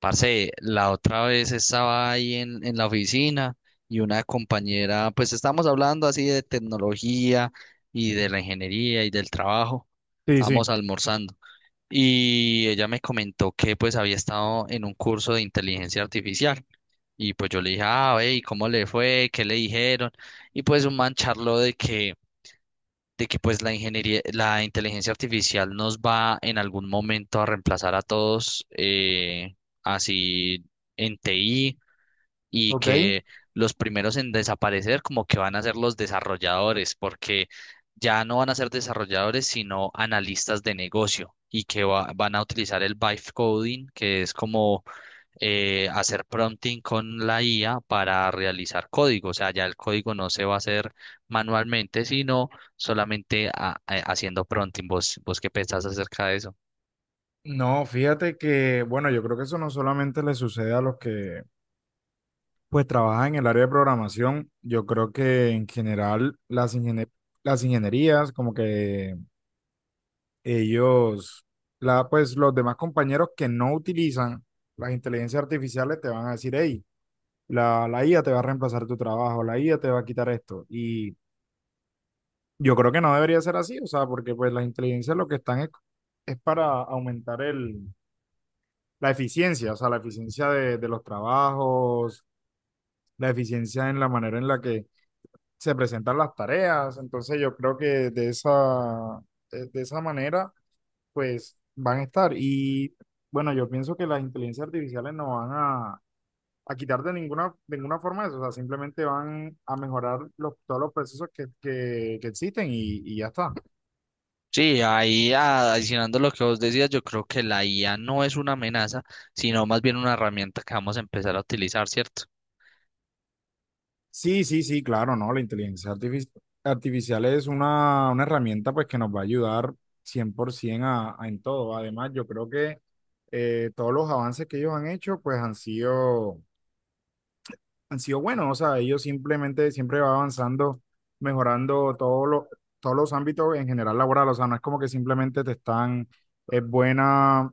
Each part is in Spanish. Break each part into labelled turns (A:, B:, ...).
A: Parce, la otra vez estaba ahí en la oficina y una compañera, pues estábamos hablando así de tecnología y de la ingeniería y del trabajo,
B: Sí,
A: estábamos
B: sí.
A: almorzando y ella me comentó que pues había estado en un curso de inteligencia artificial. Y pues yo le dije, ah, ve, ¿y cómo le fue? ¿Qué le dijeron? Y pues un man charló de que pues la ingeniería, la inteligencia artificial nos va en algún momento a reemplazar a todos, así en TI, y
B: ¿Ok?
A: que los primeros en desaparecer como que van a ser los desarrolladores, porque ya no van a ser desarrolladores, sino analistas de negocio, y que van a utilizar el vibe coding, que es como hacer prompting con la IA para realizar código. O sea, ya el código no se va a hacer manualmente, sino solamente haciendo prompting. ¿Vos, vos qué pensás acerca de eso?
B: No, fíjate que, bueno, yo creo que eso no solamente le sucede a los que pues trabajan en el área de programación. Yo creo que en general las, las ingenierías, como que ellos, pues los demás compañeros que no utilizan las inteligencias artificiales te van a decir, hey, la IA te va a reemplazar tu trabajo, la IA te va a quitar esto. Y yo creo que no debería ser así, o sea, porque pues las inteligencias lo que están es para aumentar la eficiencia, o sea, la eficiencia de los trabajos, la eficiencia en la manera en la que se presentan las tareas. Entonces yo creo que de esa manera, pues van a estar. Y bueno, yo pienso que las inteligencias artificiales no van a quitar de ninguna forma eso, o sea, simplemente van a mejorar los, todos los procesos que existen y ya está.
A: Sí, ahí adicionando lo que vos decías, yo creo que la IA no es una amenaza, sino más bien una herramienta que vamos a empezar a utilizar, ¿cierto?
B: Sí, sí, sí, claro, ¿no? La inteligencia artificial es una herramienta pues que nos va a ayudar 100% a en todo. Además, yo creo que todos los avances que ellos han hecho pues han sido buenos. O sea, ellos simplemente siempre va avanzando, mejorando todos los ámbitos en general laboral. O sea, no es como que simplemente te están, es buena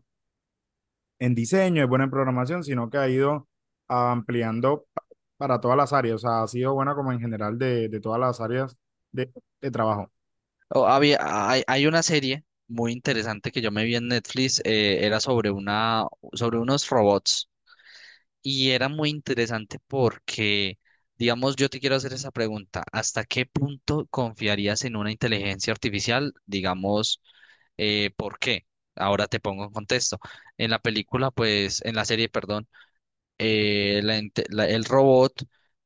B: en diseño, es buena en programación, sino que ha ido ampliando para todas las áreas. O sea, ha sido buena como en general de todas las áreas de, de trabajo.
A: O había, hay una serie muy interesante que yo me vi en Netflix, era sobre una, sobre unos robots. Y era muy interesante porque, digamos, yo te quiero hacer esa pregunta, ¿hasta qué punto confiarías en una inteligencia artificial? Digamos, ¿por qué? Ahora te pongo en contexto. En la película, pues, en la serie, perdón, el robot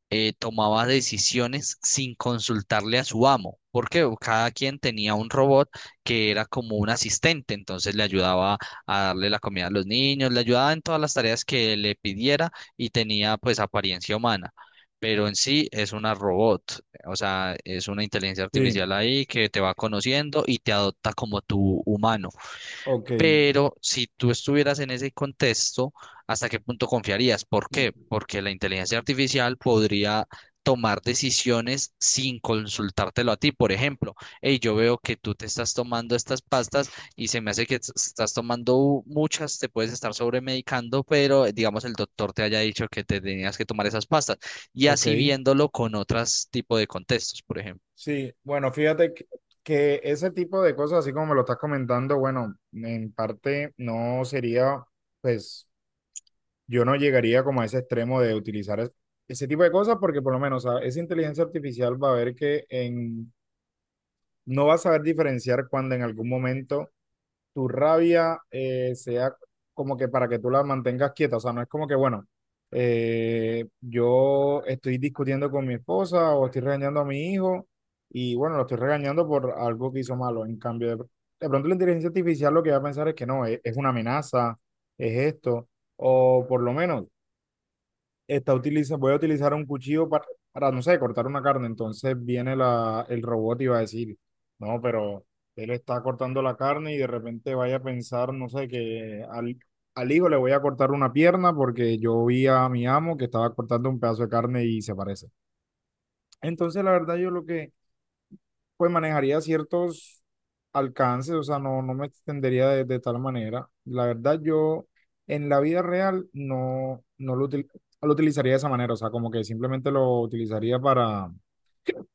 A: tomaba decisiones sin consultarle a su amo, porque cada quien tenía un robot que era como un asistente, entonces le ayudaba a darle la comida a los niños, le ayudaba en todas las tareas que le pidiera y tenía pues apariencia humana. Pero en sí es una robot, o sea, es una inteligencia
B: Sí,
A: artificial ahí que te va conociendo y te adopta como tu humano.
B: ok,
A: Pero si tú estuvieras en ese contexto, ¿hasta qué punto confiarías? ¿Por qué? Porque la inteligencia artificial podría tomar decisiones sin consultártelo a ti. Por ejemplo, hey, yo veo que tú te estás tomando estas pastas y se me hace que estás tomando muchas, te puedes estar sobremedicando, pero digamos el doctor te haya dicho que te tenías que tomar esas pastas. Y
B: ok.
A: así viéndolo con otros tipos de contextos, por ejemplo.
B: Sí, bueno, fíjate que ese tipo de cosas, así como me lo estás comentando, bueno, en parte no sería, pues yo no llegaría como a ese extremo de utilizar ese tipo de cosas porque por lo menos, o sea, esa inteligencia artificial va a ver que en, no va a saber diferenciar cuando en algún momento tu rabia sea como que para que tú la mantengas quieta. O sea, no es como que, bueno, yo estoy discutiendo con mi esposa o estoy regañando a mi hijo y bueno, lo estoy regañando por algo que hizo malo. En cambio, de pronto la inteligencia artificial lo que va a pensar es que no, es una amenaza, es esto, o por lo menos está utiliza, voy a utilizar un cuchillo para, no sé, cortar una carne. Entonces viene la, el robot y va a decir, no, pero él está cortando la carne y de repente vaya a pensar, no sé, que al, al hijo le voy a cortar una pierna porque yo vi a mi amo que estaba cortando un pedazo de carne y se parece. Entonces, la verdad, yo lo que pues manejaría ciertos alcances, o sea, no, no me extendería de tal manera. La verdad, yo en la vida real no, no lo, lo utilizaría de esa manera, o sea, como que simplemente lo utilizaría para,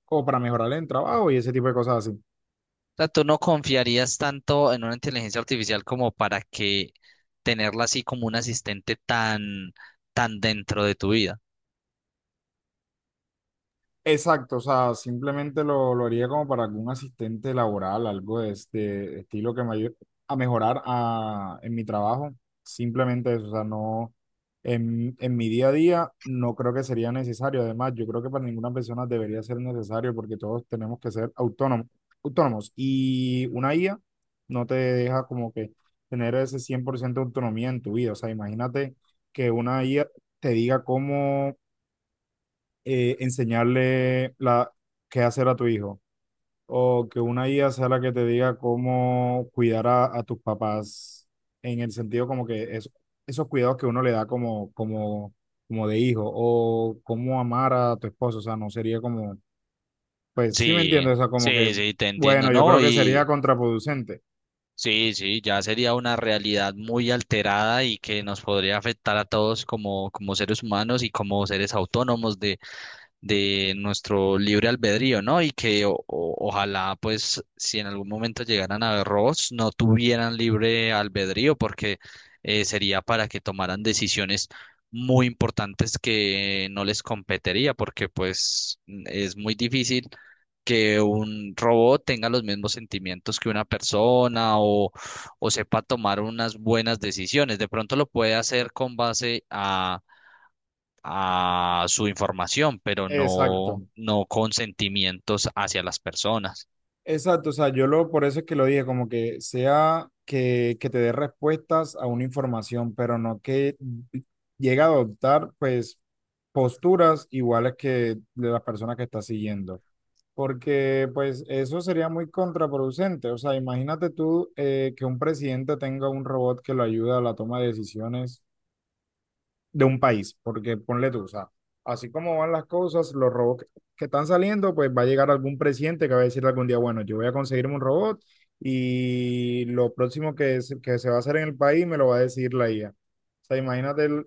B: como para mejorar el trabajo y ese tipo de cosas así.
A: Sea, tú no confiarías tanto en una inteligencia artificial como para que tenerla así como un asistente tan, tan dentro de tu vida.
B: Exacto, o sea, simplemente lo haría como para algún asistente laboral, algo de este estilo que me ayude a mejorar en mi trabajo. Simplemente eso, o sea, no, en mi día a día no creo que sería necesario. Además, yo creo que para ninguna persona debería ser necesario porque todos tenemos que ser autónomos, autónomos. Y una IA no te deja como que tener ese 100% de autonomía en tu vida. O sea, imagínate que una IA te diga cómo enseñarle la, qué hacer a tu hijo o que una IA sea la que te diga cómo cuidar a tus papás en el sentido como que es, esos cuidados que uno le da como, como, como de hijo o cómo amar a tu esposo, o sea, no sería como, pues sí me
A: Sí,
B: entiendo, o sea, como que,
A: sí, sí, te entiendo,
B: bueno, yo
A: ¿no?
B: creo que sería
A: Y
B: contraproducente.
A: sí, sí, ya sería una realidad muy alterada y que nos podría afectar a todos como, como seres humanos y como seres autónomos de nuestro libre albedrío, ¿no? Y que ojalá, pues, si en algún momento llegaran a ver robots, no tuvieran libre albedrío, porque sería para que tomaran decisiones muy importantes que no les competería, porque pues es muy difícil que un robot tenga los mismos sentimientos que una persona o sepa tomar unas buenas decisiones. De pronto lo puede hacer con base a su información, pero no,
B: Exacto.
A: no con sentimientos hacia las personas.
B: Exacto, o sea, yo lo, por eso es que lo dije, como que sea que te dé respuestas a una información, pero no que llegue a adoptar, pues, posturas iguales que de las personas que estás siguiendo. Porque, pues, eso sería muy contraproducente. O sea, imagínate tú que un presidente tenga un robot que lo ayuda a la toma de decisiones de un país, porque ponle tú, o sea, así como van las cosas, los robots que están saliendo, pues va a llegar algún presidente que va a decir algún día, bueno, yo voy a conseguirme un robot y lo próximo que, que se va a hacer en el país me lo va a decir la IA. O sea, imagínate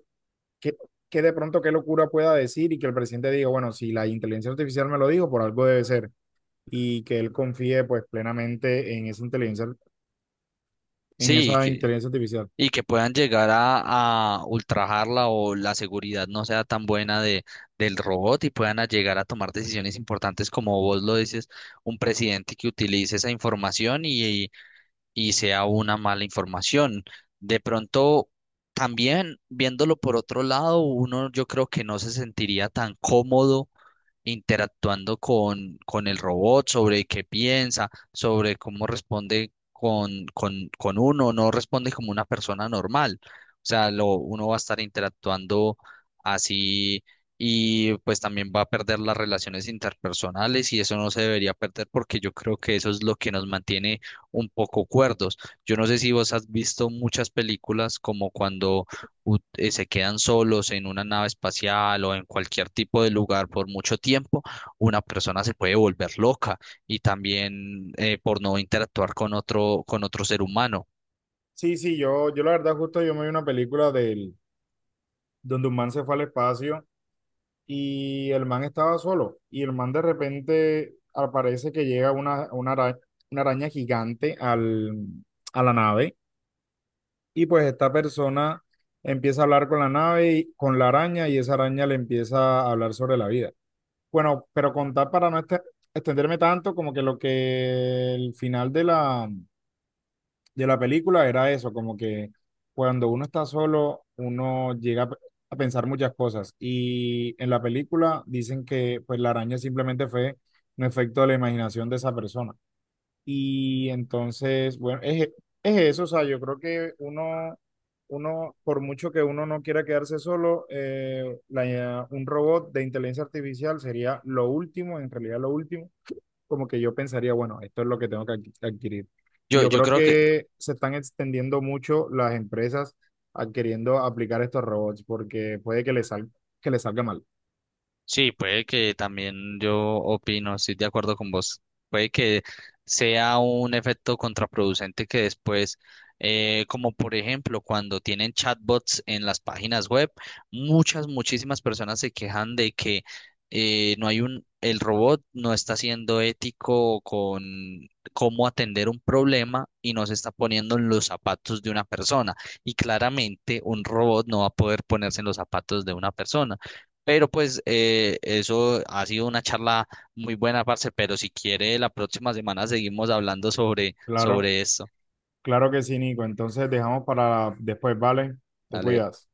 B: que, que de pronto qué locura pueda decir y que el presidente diga, bueno, si la inteligencia artificial me lo dijo, por algo debe ser, y que él confíe pues plenamente en
A: Sí,
B: esa inteligencia artificial.
A: y que puedan llegar a ultrajarla o la seguridad no sea tan buena de, del robot y puedan a llegar a tomar decisiones importantes, como vos lo dices, un presidente que utilice esa información y sea una mala información. De pronto, también viéndolo por otro lado, uno yo creo que no se sentiría tan cómodo interactuando con el robot, sobre qué piensa, sobre cómo responde con uno, no responde como una persona normal. O sea, lo, uno va a estar interactuando así y pues también va a perder las relaciones interpersonales y eso no se debería perder porque yo creo que eso es lo que nos mantiene un poco cuerdos. Yo no sé si vos has visto muchas películas como cuando se quedan solos en una nave espacial o en cualquier tipo de lugar por mucho tiempo, una persona se puede volver loca y también por no interactuar con otro ser humano.
B: Sí, sí, yo la verdad justo yo me vi una película del, donde un man se fue al espacio y el man estaba solo. Y el man de repente aparece que llega una araña gigante al, a la nave. Y pues esta persona empieza a hablar con la nave, y, con la araña, y esa araña le empieza a hablar sobre la vida. Bueno, pero contar para no extenderme tanto, como que lo que el final de la película era eso, como que cuando uno está solo, uno llega a a pensar muchas cosas. Y en la película dicen que pues la araña simplemente fue un efecto de la imaginación de esa persona. Y entonces, bueno, es eso, o sea, yo creo que uno, uno, por mucho que uno no quiera quedarse solo, un robot de inteligencia artificial sería lo último, en realidad lo último como que yo pensaría, bueno, esto es lo que tengo que adquirir. Y
A: Yo,
B: yo
A: yo
B: creo
A: creo que
B: que se están extendiendo mucho las empresas adquiriendo aplicar estos robots porque puede que les que les salga mal.
A: sí, puede que también yo opino, estoy de acuerdo con vos. Puede que sea un efecto contraproducente que después, como por ejemplo, cuando tienen chatbots en las páginas web, muchas, muchísimas personas se quejan de que no hay un, el robot no está siendo ético con cómo atender un problema y no se está poniendo en los zapatos de una persona. Y claramente un robot no va a poder ponerse en los zapatos de una persona. Pero pues eso ha sido una charla muy buena, parce, pero si quiere la próxima semana seguimos hablando sobre,
B: Claro,
A: sobre esto.
B: claro que sí, Nico. Entonces dejamos para después, ¿vale? Te
A: Dale.
B: cuidas.